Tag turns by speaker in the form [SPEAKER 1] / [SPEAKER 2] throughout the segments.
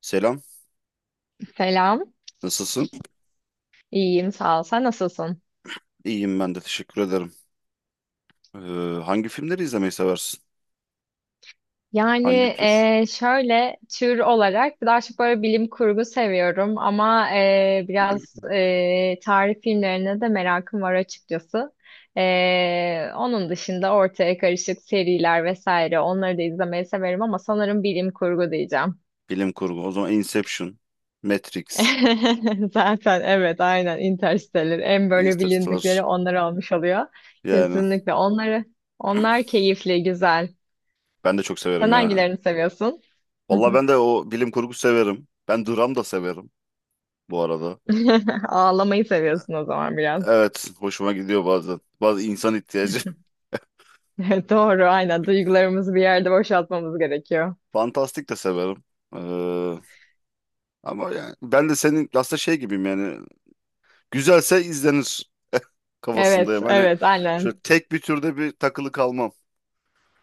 [SPEAKER 1] Selam,
[SPEAKER 2] Selam.
[SPEAKER 1] nasılsın?
[SPEAKER 2] İyiyim, sağ ol. Sen nasılsın?
[SPEAKER 1] İyiyim ben de teşekkür ederim. Ee, Hangi filmleri izlemeyi seversin? Hangi tür?
[SPEAKER 2] Şöyle tür olarak daha çok böyle bilim kurgu seviyorum ama biraz tarih filmlerine de merakım var açıkçası. Onun dışında ortaya karışık seriler vesaire onları da izlemeyi severim ama sanırım bilim kurgu diyeceğim.
[SPEAKER 1] Bilim kurgu. O zaman Inception, Matrix,
[SPEAKER 2] Zaten evet aynen Interstellar en böyle
[SPEAKER 1] Interstellar.
[SPEAKER 2] bilindikleri onlar olmuş oluyor.
[SPEAKER 1] Yani
[SPEAKER 2] Kesinlikle onlar keyifli, güzel.
[SPEAKER 1] ben de çok
[SPEAKER 2] Sen
[SPEAKER 1] severim ya.
[SPEAKER 2] hangilerini seviyorsun? Hı
[SPEAKER 1] Vallahi
[SPEAKER 2] hı.
[SPEAKER 1] ben de o bilim kurgu severim. Ben dram da severim bu arada.
[SPEAKER 2] Ağlamayı seviyorsun o zaman biraz.
[SPEAKER 1] Evet, hoşuma gidiyor bazen. Bazı insan ihtiyacı.
[SPEAKER 2] Doğru, aynen. Duygularımızı bir yerde boşaltmamız gerekiyor.
[SPEAKER 1] Fantastik de severim. Ee, Ama yani ben de senin aslında şey gibiyim yani. Güzelse izlenir
[SPEAKER 2] Evet,
[SPEAKER 1] kafasındayım. Hani
[SPEAKER 2] evet,
[SPEAKER 1] şöyle
[SPEAKER 2] aynen.
[SPEAKER 1] tek bir türde bir takılı kalmam.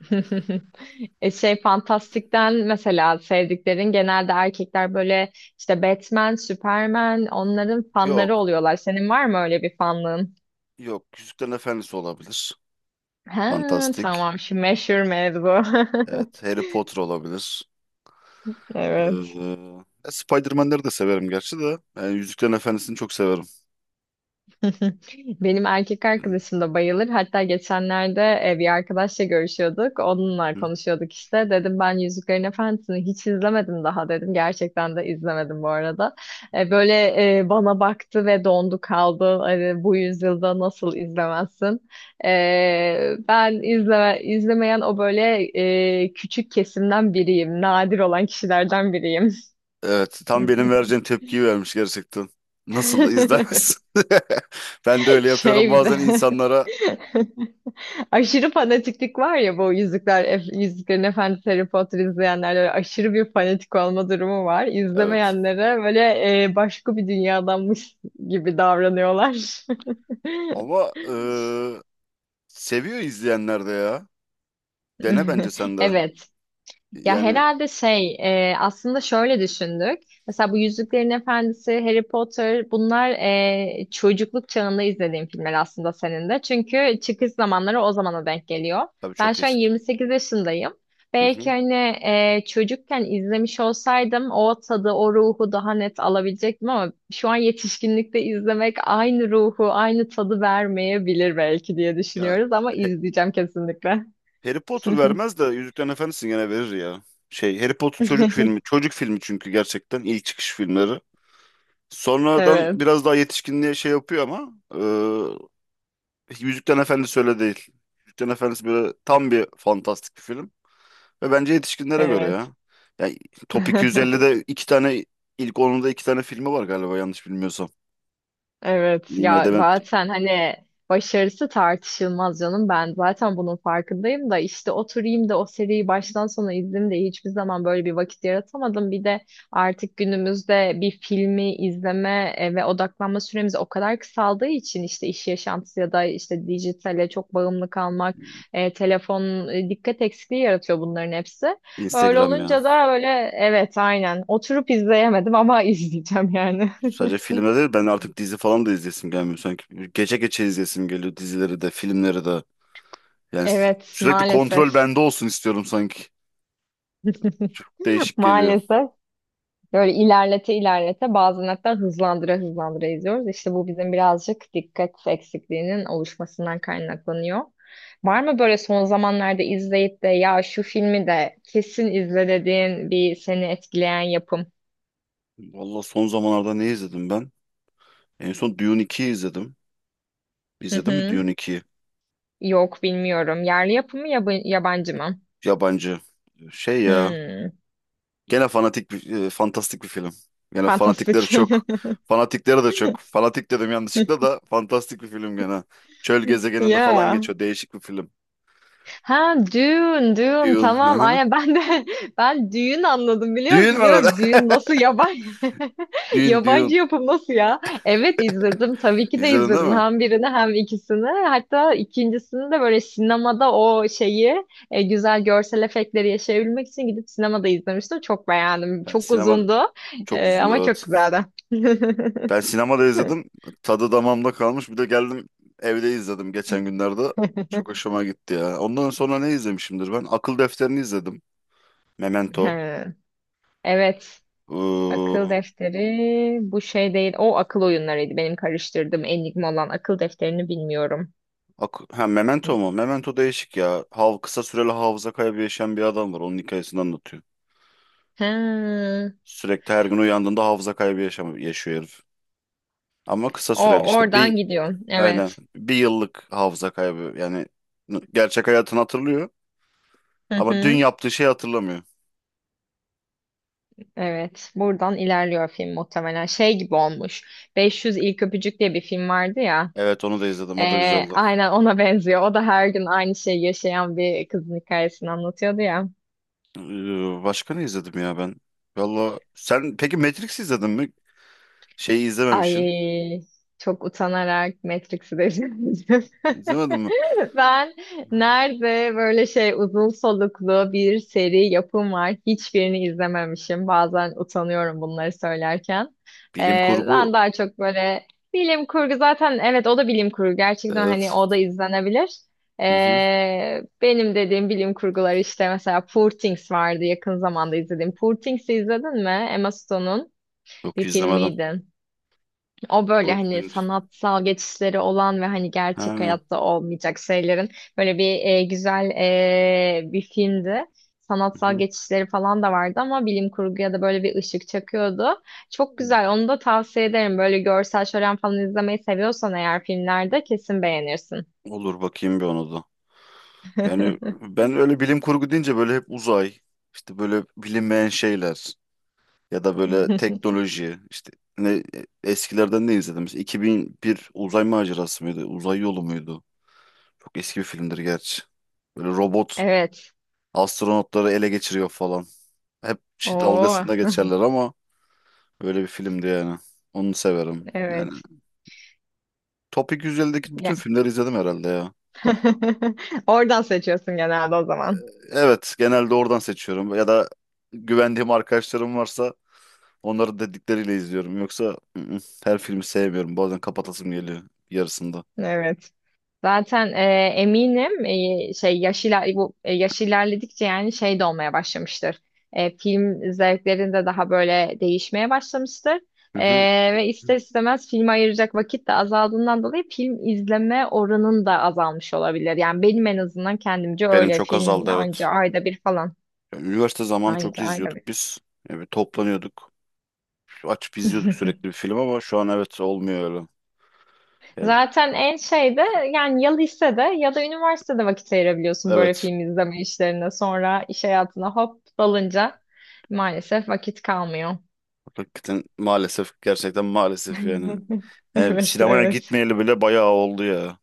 [SPEAKER 2] Fantastik'ten mesela sevdiklerin genelde erkekler böyle işte Batman, Superman onların fanları
[SPEAKER 1] Yok.
[SPEAKER 2] oluyorlar. Senin var mı öyle bir fanlığın?
[SPEAKER 1] Yok. Yüzüklerin Efendisi olabilir.
[SPEAKER 2] Ha,
[SPEAKER 1] Fantastik.
[SPEAKER 2] tamam şu meşhur mevzu.
[SPEAKER 1] Evet. Harry Potter olabilir. Ee,
[SPEAKER 2] Evet.
[SPEAKER 1] Spider-Man'leri de severim gerçi de. Yani Yüzüklerin Efendisi'ni çok severim.
[SPEAKER 2] Benim erkek arkadaşım da bayılır. Hatta geçenlerde bir arkadaşla görüşüyorduk. Onunla
[SPEAKER 1] Hı.
[SPEAKER 2] konuşuyorduk işte. Dedim ben Yüzüklerin Efendisi'ni hiç izlemedim daha dedim. Gerçekten de izlemedim bu arada. Böyle bana baktı ve dondu kaldı. Hani bu yüzyılda nasıl izlemezsin? İzlemeyen o böyle küçük kesimden biriyim. Nadir olan kişilerden biriyim.
[SPEAKER 1] Evet. Tam benim vereceğim tepkiyi vermiş gerçekten. Nasıl izlemez? Ben de öyle yapıyorum
[SPEAKER 2] Şey bir de...
[SPEAKER 1] bazen insanlara.
[SPEAKER 2] Aşırı fanatiklik var ya bu Yüzüklerin Efendisi Harry Potter izleyenlerle aşırı bir fanatik olma durumu var.
[SPEAKER 1] Evet.
[SPEAKER 2] İzlemeyenlere böyle başka bir dünyadanmış gibi davranıyorlar.
[SPEAKER 1] Ama seviyor izleyenler de ya. Dene bence sen de.
[SPEAKER 2] Evet. Ya
[SPEAKER 1] Yani
[SPEAKER 2] herhalde şey Aslında şöyle düşündük. Mesela bu Yüzüklerin Efendisi, Harry Potter bunlar çocukluk çağında izlediğim filmler aslında senin de. Çünkü çıkış zamanları o zamana denk geliyor.
[SPEAKER 1] tabii
[SPEAKER 2] Ben
[SPEAKER 1] çok
[SPEAKER 2] şu an
[SPEAKER 1] eski.
[SPEAKER 2] 28 yaşındayım.
[SPEAKER 1] Hı
[SPEAKER 2] Belki
[SPEAKER 1] hı.
[SPEAKER 2] hani çocukken izlemiş olsaydım o tadı, o ruhu daha net alabilecektim ama şu an yetişkinlikte izlemek aynı ruhu, aynı tadı vermeyebilir belki diye
[SPEAKER 1] Ya
[SPEAKER 2] düşünüyoruz ama izleyeceğim kesinlikle.
[SPEAKER 1] Harry Potter vermez de Yüzüklerin Efendisi gene verir ya. Şey Harry Potter çocuk filmi. Çocuk filmi çünkü gerçekten ilk çıkış filmleri. Sonradan
[SPEAKER 2] Evet,
[SPEAKER 1] biraz daha yetişkinliğe şey yapıyor ama Yüzüklerin Efendisi öyle değil. Yüzüklerin Efendisi böyle tam bir fantastik bir film. Ve bence yetişkinlere göre
[SPEAKER 2] evet.
[SPEAKER 1] ya. Yani Top 250'de iki tane ilk 10'unda iki tane filmi var galiba yanlış bilmiyorsam.
[SPEAKER 2] Evet ya
[SPEAKER 1] IMDb,
[SPEAKER 2] zaten hani başarısı tartışılmaz canım ben zaten bunun farkındayım da işte oturayım da o seriyi baştan sona izleyeyim de hiçbir zaman böyle bir vakit yaratamadım. Bir de artık günümüzde bir filmi izleme ve odaklanma süremiz o kadar kısaldığı için işte iş yaşantısı ya da işte dijitale çok bağımlı kalmak, telefon, dikkat eksikliği yaratıyor bunların hepsi. Öyle
[SPEAKER 1] Instagram ya.
[SPEAKER 2] olunca da öyle evet aynen oturup izleyemedim ama izleyeceğim yani.
[SPEAKER 1] Sadece filmde değil ben artık dizi falan da izlesim gelmiyor sanki. Gece gece izlesim geliyor dizileri de filmleri de. Yani s-
[SPEAKER 2] Evet,
[SPEAKER 1] Sürekli kontrol
[SPEAKER 2] maalesef.
[SPEAKER 1] bende olsun istiyorum sanki. Çok değişik geliyor.
[SPEAKER 2] Maalesef. Böyle ilerlete ilerlete bazen hatta hızlandıra hızlandıra izliyoruz. İşte bu bizim birazcık dikkat eksikliğinin oluşmasından kaynaklanıyor. Var mı böyle son zamanlarda izleyip de ya şu filmi de kesin izle dediğin bir seni etkileyen yapım?
[SPEAKER 1] Valla son zamanlarda ne izledim ben? En son Dune 2'yi izledim.
[SPEAKER 2] Hı
[SPEAKER 1] İzledin mi
[SPEAKER 2] hı.
[SPEAKER 1] Dune 2'yi?
[SPEAKER 2] Yok bilmiyorum. Yerli yapımı yabancı mı?
[SPEAKER 1] Yabancı. Şey ya.
[SPEAKER 2] Hmm.
[SPEAKER 1] Gene fantastik bir film. Gene
[SPEAKER 2] Fantastik.
[SPEAKER 1] fanatikleri çok. Fanatikleri de çok. Fanatik dedim yanlışlıkla da fantastik bir film gene. Çöl gezegeninde falan
[SPEAKER 2] Ya.
[SPEAKER 1] geçiyor. Değişik bir film.
[SPEAKER 2] Ha düğün düğün
[SPEAKER 1] Dune. Hı
[SPEAKER 2] tamam
[SPEAKER 1] hı.
[SPEAKER 2] aynen ben de ben düğün anladım biliyor
[SPEAKER 1] Dune
[SPEAKER 2] musun
[SPEAKER 1] var orada.
[SPEAKER 2] diyorum düğün nasıl yabancı
[SPEAKER 1] Dune,
[SPEAKER 2] yabancı
[SPEAKER 1] Dune.
[SPEAKER 2] yapım nasıl ya evet izledim tabii ki de
[SPEAKER 1] İzledin değil
[SPEAKER 2] izledim
[SPEAKER 1] mi?
[SPEAKER 2] hem birini hem ikisini hatta ikincisini de böyle sinemada o şeyi güzel görsel efektleri yaşayabilmek için gidip sinemada izlemiştim çok beğendim
[SPEAKER 1] Ben
[SPEAKER 2] çok
[SPEAKER 1] sinema
[SPEAKER 2] uzundu.
[SPEAKER 1] Çok uzundu
[SPEAKER 2] Ama çok
[SPEAKER 1] evet.
[SPEAKER 2] güzeldi.
[SPEAKER 1] Ben sinemada izledim. Tadı damağımda kalmış. Bir de geldim evde izledim geçen günlerde. Çok hoşuma gitti ya. Ondan sonra ne izlemişimdir ben? Akıl Defterini izledim. Memento.
[SPEAKER 2] He, evet.
[SPEAKER 1] Iıı,
[SPEAKER 2] Akıl defteri bu şey değil. O akıl oyunlarıydı. Benim karıştırdığım Enigma olan akıl defterini bilmiyorum.
[SPEAKER 1] ha, Memento mu? Memento değişik ya. Hav kısa süreli hafıza kaybı yaşayan bir adam var. Onun hikayesini anlatıyor.
[SPEAKER 2] Ha,
[SPEAKER 1] Sürekli her gün uyandığında hafıza kaybı yaşam yaşıyor herif. Ama kısa
[SPEAKER 2] o
[SPEAKER 1] süreli işte. Bir
[SPEAKER 2] oradan gidiyorsun.
[SPEAKER 1] aynen
[SPEAKER 2] Evet.
[SPEAKER 1] bir yıllık hafıza kaybı. Gerçek hayatını hatırlıyor
[SPEAKER 2] Hı
[SPEAKER 1] ama dün
[SPEAKER 2] hı.
[SPEAKER 1] yaptığı şeyi hatırlamıyor.
[SPEAKER 2] Evet. Buradan ilerliyor film muhtemelen. Şey gibi olmuş. 500 İlk Öpücük diye bir film vardı ya.
[SPEAKER 1] Evet onu da izledim.
[SPEAKER 2] Ee,
[SPEAKER 1] O da güzeldi.
[SPEAKER 2] aynen ona benziyor. O da her gün aynı şeyi yaşayan bir kızın hikayesini anlatıyordu ya.
[SPEAKER 1] Başka ne izledim ya ben? Valla sen peki Matrix izledin mi? Şeyi izlememişsin.
[SPEAKER 2] Ay, çok utanarak Matrix'i de izledim.
[SPEAKER 1] İzlemedin mi?
[SPEAKER 2] Ben nerede böyle şey uzun soluklu bir seri yapım var hiçbirini izlememişim. Bazen utanıyorum bunları söylerken. Ee,
[SPEAKER 1] Bilim kurgu.
[SPEAKER 2] Ben daha çok böyle bilim kurgu zaten, evet o da bilim kurgu gerçekten hani
[SPEAKER 1] Evet.
[SPEAKER 2] o da izlenebilir.
[SPEAKER 1] Hı hı.
[SPEAKER 2] Benim dediğim bilim kurgular işte mesela Poor Things vardı yakın zamanda izlediğim. Poor Things'i izledin mi? Emma Stone'un
[SPEAKER 1] Yok
[SPEAKER 2] bir
[SPEAKER 1] izlemedim.
[SPEAKER 2] filmiydi. O böyle
[SPEAKER 1] Doğru
[SPEAKER 2] hani
[SPEAKER 1] söylüyorsun.
[SPEAKER 2] sanatsal geçişleri olan ve hani gerçek
[SPEAKER 1] Ha.
[SPEAKER 2] hayatta olmayacak şeylerin böyle bir güzel bir filmdi.
[SPEAKER 1] Hı
[SPEAKER 2] Sanatsal
[SPEAKER 1] hı.
[SPEAKER 2] geçişleri falan da vardı ama bilim kurguya da böyle bir ışık çakıyordu. Çok
[SPEAKER 1] Hı.
[SPEAKER 2] güzel. Onu da tavsiye ederim. Böyle görsel şölen falan izlemeyi seviyorsan eğer filmlerde kesin beğenirsin.
[SPEAKER 1] Olur bakayım bir ona da. Yani ben öyle bilim kurgu deyince böyle hep uzay, işte böyle bilinmeyen şeyler ya da böyle teknoloji işte ne eskilerden ne izledim? Mesela 2001 uzay macerası mıydı? Uzay yolu muydu? Çok eski bir filmdir gerçi. Böyle robot
[SPEAKER 2] Evet.
[SPEAKER 1] Astronotları ele geçiriyor falan. Hep şey
[SPEAKER 2] Oo,
[SPEAKER 1] dalgasında geçerler ama öyle bir filmdi yani. Onu severim. Yani
[SPEAKER 2] evet.
[SPEAKER 1] Top 250'deki bütün
[SPEAKER 2] Yani.
[SPEAKER 1] filmleri izledim herhalde ya.
[SPEAKER 2] Oradan seçiyorsun genelde o zaman.
[SPEAKER 1] Evet, genelde oradan seçiyorum. Ya da güvendiğim arkadaşlarım varsa onların dedikleriyle izliyorum. Yoksa her filmi sevmiyorum. Bazen kapatasım geliyor yarısında.
[SPEAKER 2] Evet. Zaten eminim yaş ilerledikçe yani şey de olmaya başlamıştır. Film zevklerin de daha böyle değişmeye başlamıştır.
[SPEAKER 1] Hı
[SPEAKER 2] E,
[SPEAKER 1] hı.
[SPEAKER 2] Ve ister istemez filme ayıracak vakit de azaldığından dolayı film izleme oranın da azalmış olabilir. Yani benim en azından kendimce
[SPEAKER 1] Benim
[SPEAKER 2] öyle,
[SPEAKER 1] çok
[SPEAKER 2] film
[SPEAKER 1] azaldı evet.
[SPEAKER 2] anca ayda bir falan.
[SPEAKER 1] Ya, üniversite zamanı çok
[SPEAKER 2] Anca ayda
[SPEAKER 1] izliyorduk
[SPEAKER 2] bir.
[SPEAKER 1] biz. Yani bir toplanıyorduk. Açıp izliyorduk sürekli bir film ama şu an evet olmuyor öyle. Yani,
[SPEAKER 2] Zaten en şeyde yani ya lisede ya da üniversitede vakit ayırabiliyorsun böyle
[SPEAKER 1] evet.
[SPEAKER 2] film izleme işlerine. Sonra iş hayatına hop dalınca maalesef vakit kalmıyor.
[SPEAKER 1] Hakikaten maalesef gerçekten maalesef yani. Yani
[SPEAKER 2] Evet,
[SPEAKER 1] sinemaya
[SPEAKER 2] evet.
[SPEAKER 1] gitmeyeli bile bayağı oldu ya.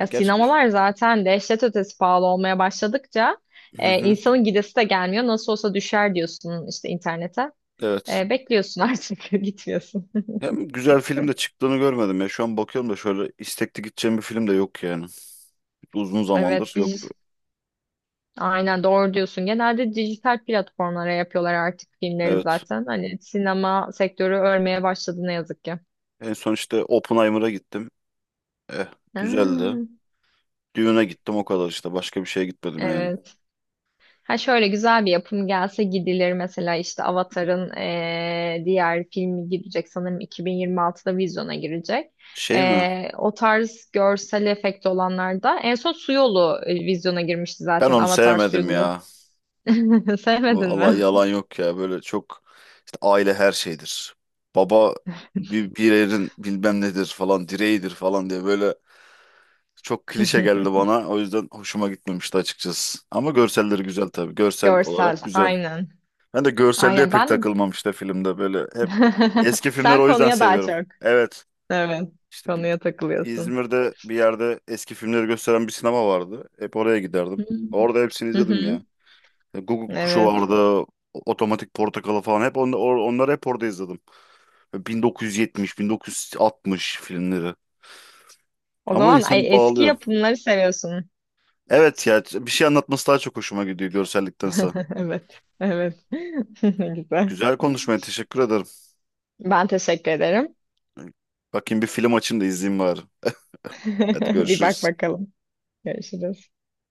[SPEAKER 2] Ya
[SPEAKER 1] Gerçi güz-
[SPEAKER 2] sinemalar zaten dehşet ötesi pahalı olmaya başladıkça
[SPEAKER 1] Hı hı,
[SPEAKER 2] insanın gidesi de gelmiyor. Nasıl olsa düşer diyorsun işte internete.
[SPEAKER 1] evet.
[SPEAKER 2] Bekliyorsun artık gitmiyorsun.
[SPEAKER 1] Hem güzel film de çıktığını görmedim ya. Şu an bakıyorum da şöyle istekli gideceğim bir film de yok yani. Uzun zamandır
[SPEAKER 2] Evet, dij-
[SPEAKER 1] yok.
[SPEAKER 2] Aynen doğru diyorsun. Genelde dijital platformlara yapıyorlar artık filmleri
[SPEAKER 1] Evet.
[SPEAKER 2] zaten. Hani sinema sektörü ölmeye başladı ne yazık ki.
[SPEAKER 1] En son işte Oppenheimer'a gittim. Eh, güzeldi.
[SPEAKER 2] Ha,
[SPEAKER 1] Düğüne gittim o kadar işte. Başka bir şeye gitmedim yani.
[SPEAKER 2] evet. Ha şöyle güzel bir yapım gelse gidilir mesela işte Avatar'ın diğer filmi gidecek sanırım 2026'da vizyona girecek.
[SPEAKER 1] Şey mi?
[SPEAKER 2] O tarz görsel efekt olanlarda en son Su Yolu vizyona girmişti
[SPEAKER 1] Ben
[SPEAKER 2] zaten,
[SPEAKER 1] onu
[SPEAKER 2] Avatar Su
[SPEAKER 1] sevmedim
[SPEAKER 2] Yolu.
[SPEAKER 1] ya.
[SPEAKER 2] Sevmedin
[SPEAKER 1] Allah
[SPEAKER 2] mi?
[SPEAKER 1] yalan yok ya böyle çok işte aile her şeydir. Baba bir yerin bilmem nedir falan direğidir falan diye böyle çok klişe geldi bana. O yüzden hoşuma gitmemişti açıkçası. Ama görselleri güzel tabii. Görsel
[SPEAKER 2] Görsel
[SPEAKER 1] olarak güzel.
[SPEAKER 2] aynen.
[SPEAKER 1] Ben de görselliğe
[SPEAKER 2] Aynen
[SPEAKER 1] pek
[SPEAKER 2] ben
[SPEAKER 1] takılmam işte filmde böyle hep eski filmleri
[SPEAKER 2] Sen
[SPEAKER 1] o yüzden
[SPEAKER 2] konuya daha
[SPEAKER 1] seviyorum.
[SPEAKER 2] çok.
[SPEAKER 1] Evet
[SPEAKER 2] Evet.
[SPEAKER 1] işte bir-
[SPEAKER 2] Konuya takılıyorsun.
[SPEAKER 1] İzmir'de bir yerde eski filmleri gösteren bir sinema vardı. Hep oraya
[SPEAKER 2] Hı
[SPEAKER 1] giderdim. Orada hepsini
[SPEAKER 2] hı.
[SPEAKER 1] izledim
[SPEAKER 2] Hı.
[SPEAKER 1] ya. Google kuşu
[SPEAKER 2] Evet.
[SPEAKER 1] vardı. Otomatik Portakalı falan hep onları hep orada izledim. 1970, 1960 filmleri.
[SPEAKER 2] O
[SPEAKER 1] Ama
[SPEAKER 2] zaman ay,
[SPEAKER 1] insanı
[SPEAKER 2] eski
[SPEAKER 1] bağlıyor.
[SPEAKER 2] yapımları seviyorsun.
[SPEAKER 1] Evet ya bir şey anlatması daha çok hoşuma gidiyor görselliktense.
[SPEAKER 2] Evet. Evet. Ne güzel.
[SPEAKER 1] Güzel konuşmaya teşekkür ederim.
[SPEAKER 2] Ben teşekkür ederim.
[SPEAKER 1] Bakayım bir film açayım da izleyeyim bari. Hadi
[SPEAKER 2] Bir bak
[SPEAKER 1] görüşürüz.
[SPEAKER 2] bakalım. Görüşürüz.